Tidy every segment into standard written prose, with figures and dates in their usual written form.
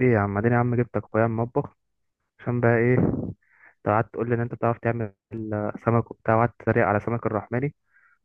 ايه يا عم اديني يا عم جبتك اخويا المطبخ عشان بقى ايه؟ انت قعدت تقول لي ان انت بتعرف تعمل سمك وبتاع، وقعدت تتريق على سمك الرحماني،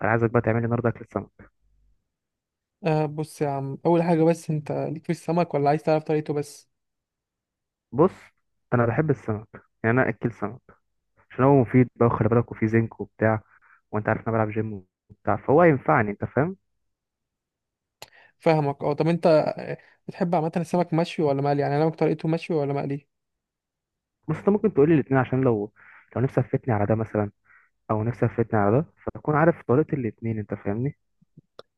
فانا عايزك بقى تعمل لي النهارده اكل السمك. بص يا عم، أول حاجة بس أنت ليك في السمك ولا عايز تعرف طريقته بس؟ بص، انا بحب السمك، يعني انا اكل سمك عشان هو مفيد بقى، وخلي بالك وفيه زنك وبتاع، وانت عارف إن انا بلعب جيم وبتاع، فهو هينفعني، انت فاهم. فاهمك. أه طب أنت آه، بتحب عامة السمك مشوي ولا مقلي؟ يعني أنا طريقته مشوي ولا مقلي؟ بص، انت ممكن تقول لي الاثنين، عشان لو نفسي افتني على ده مثلا، او نفسي افتني على ده، فاكون عارف طريقه الاثنين، انت فاهمني.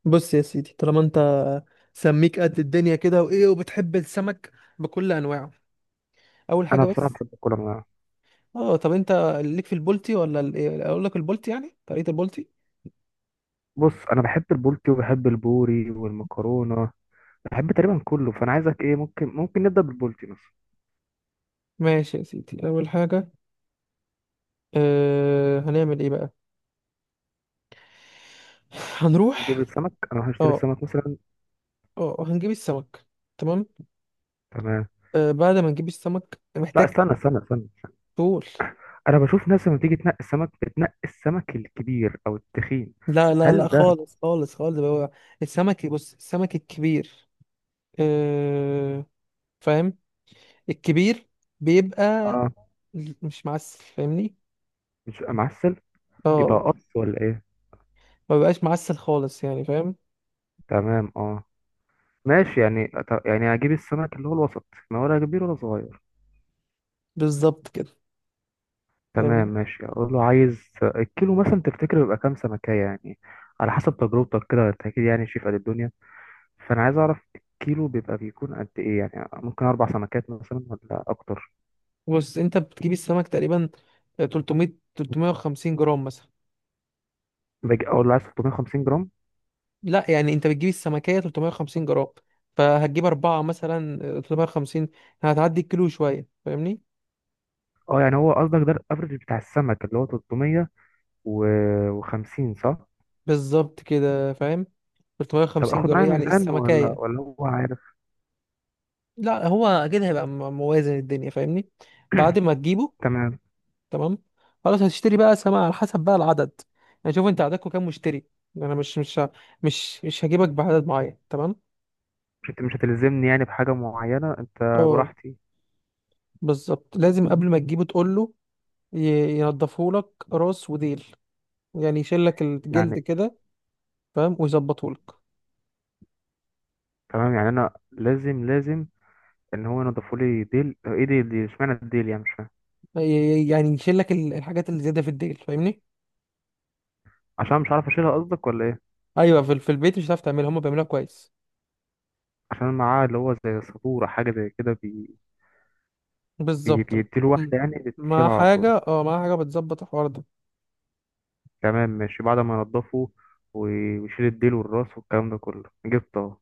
بص يا سيدي، طالما انت سميك قد الدنيا كده وايه وبتحب السمك بكل انواعه، اول حاجه انا بصراحه بس، بحب كل انواع. طب أنت ليك في البولتي ولا إيه؟ أقول لك البولتي، يعني طريقة البولتي. بص انا بحب البولتي وبحب البوري والمكرونه، بحب تقريبا كله، فانا عايزك ايه، ممكن نبدا بالبولتي مثلا. ماشي يا سيدي، اول حاجه، هنعمل ايه بقى؟ نجيب هنروح. السمك، انا هروح اشتري أه. السمك مثلا. أه، هنجيب السمك. تمام. تمام. أه، بعد ما نجيب السمك لا محتاج. استنى استنى استنى، طول. انا بشوف ناس لما تيجي تنقي السمك بتنقي السمك الكبير او التخين، لا لا لا، هل ده؟ خالص خالص خالص، هو السمك، بص، السمك الكبير، آه، فاهم، الكبير بيبقى اه. مش معسل، فاهمني؟ مش بيبقى معسل. يبقى اه، قص ولا ايه؟ ما بيبقاش معسل خالص، يعني فاهم؟ تمام اه. ماشي، يعني يعني هجيب السمك اللي هو الوسط، ما ولا كبير ولا صغير. بالظبط كده، تمام فاهمني؟ ماشي، اقول له عايز الكيلو مثلا، تفتكر بيبقى كام سمكية يعني؟ على حسب تجربتك كده، انت اكيد يعني شايف قد الدنيا، فانا عايز اعرف الكيلو بيبقى بيكون قد ايه يعني؟ ممكن اربع سمكات مثلا ولا اكتر؟ بص، انت بتجيب السمك تقريبا 300، 350 جرام مثلا. باجي اقول له عايز 350 جرام. لا، يعني انت بتجيب السمكية 350 جرام، فهتجيب أربعة مثلا 350، هتعدي الكيلو شوية، فاهمني؟ اه يعني هو قصدك ده الافرج بتاع السمك اللي هو 350 صح؟ بالظبط كده، فاهم؟ طب 350 اخد جرام معايا يعني ميزان، ولا السمكية. ولا هو عارف؟ لا، هو اكيد هيبقى موازن الدنيا، فاهمني؟ بعد ما تجيبه. تمام. تمام. خلاص، هتشتري بقى سماعة على حسب بقى العدد، يعني شوف انت عددكم كام مشتري؟ انا مش هجيبك بعدد معين، تمام؟ مش هتلزمني يعني بحاجه معينه انت، اه. براحتي بالظبط، لازم قبل ما تجيبه تقول له ينضفه لك، راس وديل، يعني يشيل لك الجلد يعني. كده، فاهم؟ ويظبطه لك. تمام، يعني انا لازم لازم ان هو ينضفوا لي ديل، ايه ديل دي؟ اشمعنى الديل يعني؟ مش فاهم. يعني يشيل لك الحاجات اللي زياده في الديل، فاهمني؟ عشان مش عارف اشيلها قصدك ولا ايه؟ ايوه، في, في البيت مش هتعرف تعملها، هم بيعملوها كويس. عشان معاه اللي هو زي سبورة، حاجه زي كده. بالظبط. بيديله مم. واحدة يعني، مع بتشيلها على طول. حاجه، اه، مع حاجه بتظبط الحوار ده. تمام ماشي، بعد ما ينضفه ويشيل الديل والراس والكلام ده كله، جبته اهو.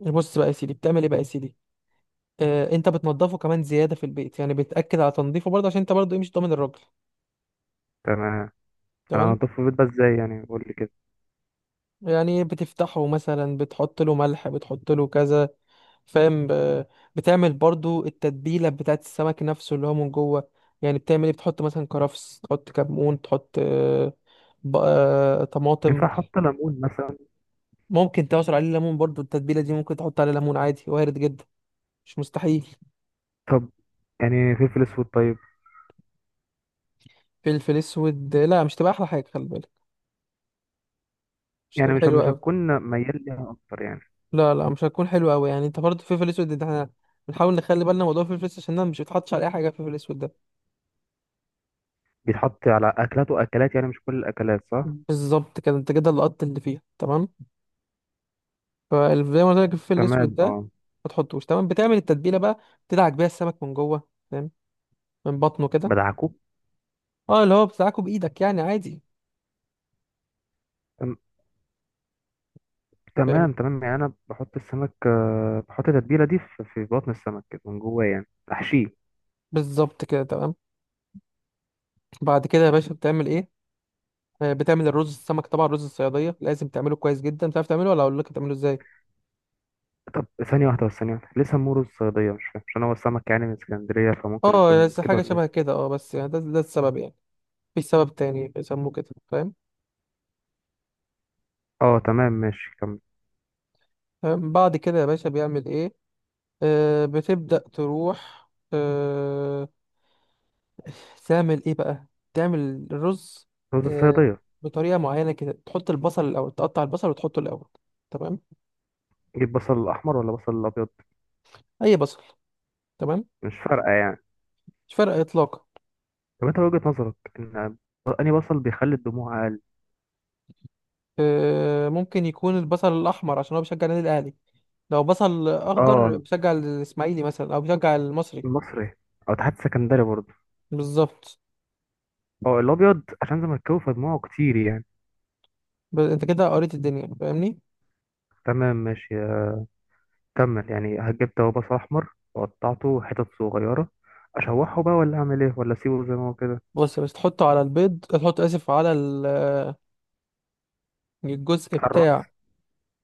بص بقى يا سيدي بتعمل ايه بقى يا سيدي؟ آه، انت بتنضفه كمان زياده في البيت، يعني بتاكد على تنظيفه برضه، عشان انت برضه ايه، مش ضامن الراجل. تمام. انا تمام. هنضفه في البيت بقى ازاي يعني؟ قول لي كده. يعني بتفتحه مثلا، بتحط له ملح، بتحط له كذا، فاهم؟ بتعمل برضه التتبيله بتاعت السمك نفسه، اللي هو من جوه. يعني بتعمل ايه، بتحط مثلا كرفس، تحط كمون، تحط طماطم. ينفع احط ليمون مثلا؟ ممكن تعصر عليه ليمون برضه، التتبيله دي ممكن تحط عليه ليمون عادي، وارد جدا، مش مستحيل. طب يعني فلفل اسود طيب؟ فلفل اسود؟ لا، مش تبقى احلى حاجه، خلي بالك، مش يعني تبقى مش مش حلوه. هتكون ميال ليها اكتر يعني؟ لا لا، مش هتكون حلوة أوي، يعني أنت برضه فلفل أسود ده، احنا بنحاول نخلي بالنا موضوع الفلفل الأسود، عشان ده مش بيتحطش على أي حاجة، الفلفل الأسود ده. بيتحط على اكلات واكلات، يعني مش كل الاكلات صح. بالظبط كده، أنت كده لقطت اللي فيها، تمام؟ فزي ما قلت لك الفلفل تمام الأسود ده اه. ما تحطوش. تمام. بتعمل التتبيلة بقى، بتدعك بيها السمك من جوه، فاهم؟ من بطنه كده. بدعكوك؟ أه، اللي هو بتدعكه بإيدك، يعني عادي. تم- فاهم؟ تمام تمام، يعني انا بحط السمك، بحط التتبيله دي في بطن السمك كده من جوه يعني، احشيه. بالظبط كده. تمام. بعد كده يا باشا بتعمل إيه؟ بتعمل الرز. السمك طبعا رز الصيادية لازم تعمله كويس جدا، بتعرف تعمله ولا أقول لك تعمله إزاي؟ طب ثانية واحدة بس، ثانية واحدة، ليه سموه رز صيادية؟ مش فاهم. عشان هو السمك يعني من اسكندرية، فممكن أه، يكون بس كده حاجة ولا شبه ايه؟ كده، أه، بس يعني ده السبب يعني، في سبب تاني بيسموه كده، فاهم؟ اه تمام ماشي، كمل. تمام؟ بعد كده يا باشا بيعمل ايه؟ بتبدأ تروح، تعمل ايه بقى، تعمل الرز. رز آه، الصيادية. بطريقة معينة كده، تحط البصل الأول، تقطع البصل وتحطه الأول، تمام؟ جيب بصل أحمر ولا بصل أبيض؟ أي بصل، تمام، مش فارقة يعني؟ مش فارقة إطلاقا. طب انت وجهة نظرك ان أنهي بصل بيخلي الدموع أقل؟ آه، ممكن يكون البصل الأحمر عشان هو بيشجع النادي الأهلي، لو بصل أخضر اه. بيشجع الإسماعيلي مثلا أو بيشجع المصري. المصري، أو تحت سكندري برضه. بالظبط. اه، الأبيض عشان زملكاوي فدموعه كتير يعني. أنت كده قريت الدنيا، فاهمني؟ تمام ماشي، كمل. يعني هجيب هو بصل أحمر وقطعته حتت صغيرة، أشوحه بقى ولا أعمل ايه ولا أسيبه زي ما هو كده؟ بص، بس تحطه على البيض، تحط، آسف، على ال، الجزء الرز. بتاع.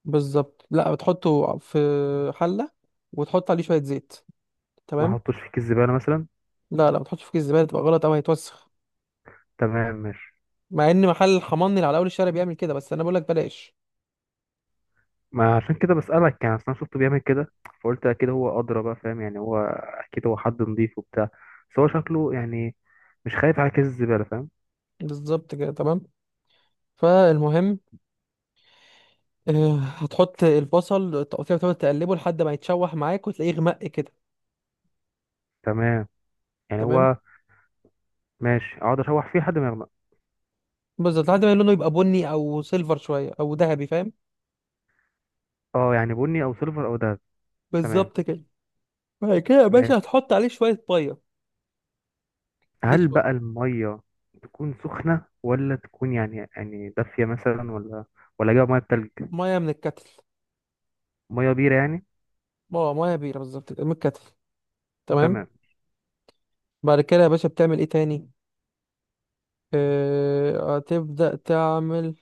بالظبط، لا، بتحطه في حلة، وتحط عليه شوية زيت، ما تمام؟ احطوش في كيس زبالة مثلا؟ لا لا، ما تحطش في كيس الزبالة، تبقى غلط أوي، هيتوسخ. تمام ماشي. مع إن محل الحماني اللي على أول الشارع بيعمل كده، بس أنا بقولك بلاش. ما عشان كده بسألك يعني، أصل أنا شفته بيعمل كده، فقلت أكيد هو أدرى بقى، فاهم يعني، هو أكيد هو حد نضيف وبتاع، بس هو شكله يعني مش خايف على كيس الزبالة، فاهم. بالظبط كده، تمام. فالمهم، آه، هتحط البصل تقطيع، وتقعد تقلبه لحد ما يتشوح معاك وتلاقيه غمق كده. تمام. يعني تمام. هو ماشي، أقعد أشوح فيه لحد ما يغمق. بالظبط، لحد ما لونه يبقى بني أو سيلفر شوية أو ذهبي، فاهم؟ أه، يعني بني أو سيلفر أو دهب. تمام بالظبط كده. بعد كده يا باشا ماشي. هتحط عليه شوية مية. ليه هل شوية. بقى المية تكون سخنة، ولا تكون يعني يعني دافية مثلا، ولا أجيب مية بتلج؟ مية من الكتل. مية بيرة يعني؟ اه، مية بيرة بالظبط كده، من الكتل. تمام. تمام. بعد كده يا باشا بتعمل ايه تاني؟ هتبدأ تعمل،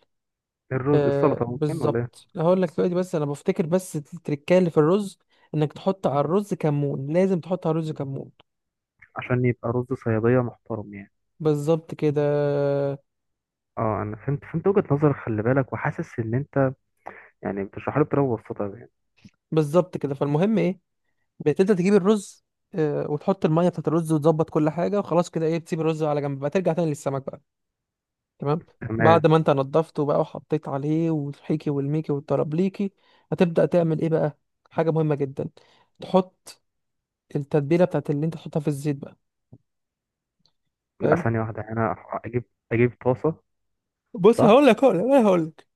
الرز. آه، السلطة ممكن ولا إيه؟ بالظبط، هقول لك دلوقتي، بس انا بفتكر بس التركية اللي في الرز، انك تحط على الرز كمون، لازم تحط على الرز كمون. عشان يبقى رز صيادية محترم يعني. بالظبط كده. اه انا فهمت فهمت وجهة نظرك، خلي بالك وحاسس ان انت يعني بتشرح لي بطريقه مبسطه يعني. بالظبط كده، فالمهم ايه، بتبدأ تجيب الرز، آه، وتحط المية بتاعت الرز، وتظبط كل حاجة، وخلاص كده ايه، بتسيب الرز على جنب بقى، ترجع تاني للسمك بقى، تمام؟ تمام. بعد ما انت نضفته بقى، وحطيت عليه والحيكي والميكي والترابليكي، هتبدأ تعمل ايه بقى؟ حاجة مهمة جدا، تحط التتبيلة بتاعت اللي انت تحطها في الزيت بقى، لا فاهم؟ ثانيه واحده، يعني انا اجيب طاسه؟ بص، صح. هقول لك انا، هقول لك.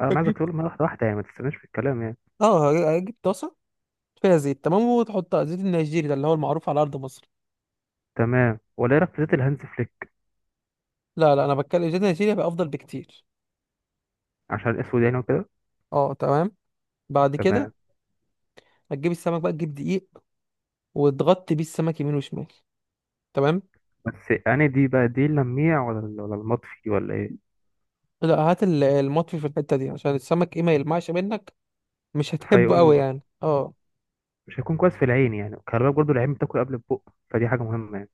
انا عايزك هتجيب، تقول لي واحده واحده يعني، ما تستناش في الكلام يعني. اه، هتجيب طاسة فيها زيت، تمام، وتحطها زيت النيجيري، ده اللي هو المعروف على ارض مصر. تمام. ولا إيه رايك في زيت الهانز فليك؟ لا لا، انا بتكلم زيت النيجيري، بقى افضل بكتير. عشان الاسود يعني وكده. اه، تمام. بعد كده تمام. هتجيب السمك بقى، تجيب دقيق وتغطي بيه السمك يمين وشمال، تمام؟ بس انا دي بقى دي اللميع، ولا ولا المطفي ولا ايه؟ لا، هات المطفي في الحتة دي عشان السمك ايه ما يلمعش منك، مش هتحبه قوي فيقوم يعني، اه. مش هيكون كويس في العين يعني، خلي بالك برضه، العين بتاكل قبل البق، فدي حاجه مهمه يعني.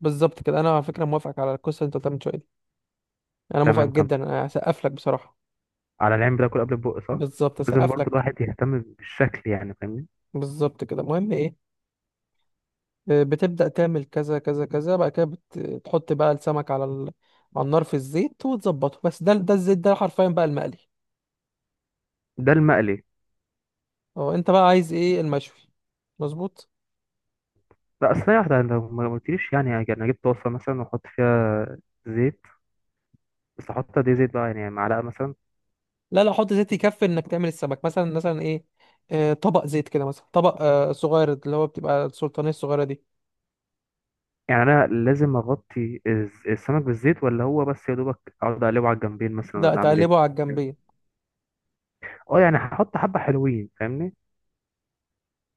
بالظبط كده، انا على فكره موافقك على القصه اللي انت قلتها من شويه دي. انا موافقك تمام. كم جدا، انا هسقف لك بصراحه. على العين بتاكل قبل البق صح. بالظبط، لازم هسقف برضه لك. الواحد يهتم بالشكل، يعني فاهمني. بالظبط كده، المهم ايه، آه، بتبدا تعمل كذا كذا كذا، بعد كده بتحط بقى السمك على ال... على النار في الزيت وتظبطه، بس ده الزيت ده حرفيا بقى المقلي. ده المقلي؟ اه، انت بقى عايز ايه، المشوي؟ مظبوط. لا اصل هي واحدة لو ما قلتليش، يعني انا جبت طاسة مثلا واحط فيها زيت، بس احط قد ايه زيت بقى يعني؟ معلقة مثلا؟ لا لا، حط زيت يكفي انك تعمل السمك، مثلا ايه، آه، طبق زيت كده مثلا، طبق آه، صغير، اللي هو بتبقى السلطانيه الصغيره دي. يعني انا لازم اغطي الز- السمك بالزيت، ولا هو بس يا دوبك اقعد اقلبه على الجنبين مثلا، لا، ولا اعمل ايه؟ تقلبه على الجنبيه. اه، يعني هحط حبة حلوين، فاهمني.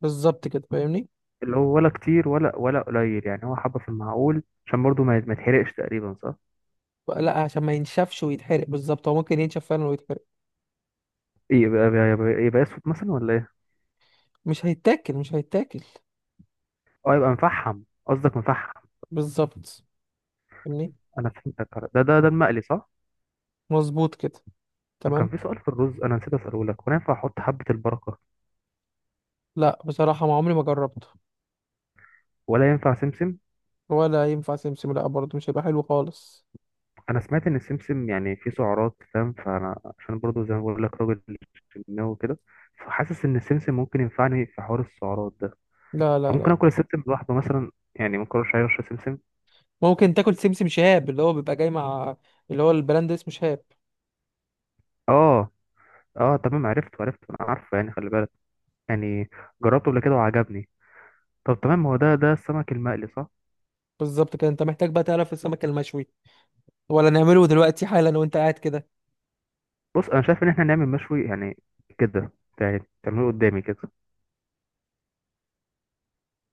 بالظبط كده، فاهمني؟ اللي هو ولا كتير ولا ولا قليل، يعني هو حبة في المعقول، عشان برضو ما يتحرقش تقريبا، صح؟ لا، عشان ما ينشفش ويتحرق، بالظبط، هو ممكن ينشف فعلا ويتحرق. ايه، يبقى اسود مثلا ولا ايه؟ مش هيتاكل. اه، يبقى مفحم قصدك، مفحم. بالظبط، فاهمني؟ انا فهمتك. ده المقلي صح. مظبوط كده. طب تمام. كان في سؤال في الرز انا نسيت اساله لك، هو أنا ينفع احط حبة البركة؟ لا، بصراحة ما عمري ما جربته. ولا ينفع سمسم؟ ولا ينفع سمسم، لا، برضه مش هيبقى حلو خالص. انا سمعت ان السمسم يعني فيه سعرات، فاهم، فانا عشان برضو زي ما بقول لك راجل جيماوي وكده، فحاسس ان السمسم ممكن ينفعني في حوار السعرات ده. لا لا طب ممكن لا اكل السمسم لوحده مثلا يعني، ما اكلش اي رشه سمسم؟ ممكن تاكل سمسم شهاب، اللي هو بيبقى جاي مع، اللي هو البراند اسمه شهاب. اه. اه تمام، عرفت عرفت، انا عارفه يعني، خلي بالك يعني، جربته قبل كده وعجبني. طب تمام، هو ده السمك المقلي صح. بالظبط كده، انت محتاج بقى تعرف السمك المشوي ولا نعمله دلوقتي حالا وانت قاعد كده؟ بص انا شايف ان احنا نعمل مشوي يعني كده، يعني تعمله قدامي كده.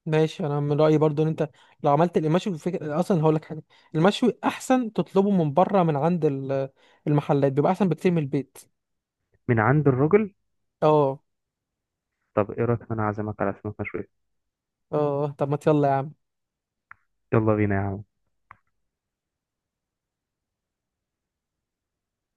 ماشي، انا من رايي برضو ان انت لو عملت المشوي فكرة اصلا، هقول لك حاجه، المشوي احسن تطلبه من بره، من عند المحلات، بيبقى احسن بكتير من البيت. من عند الراجل. اه. طب ايه رايك ان انا اعزمك على سمك مشوي؟ اه، طب ما يلا يا عم. يلا بينا يا عم.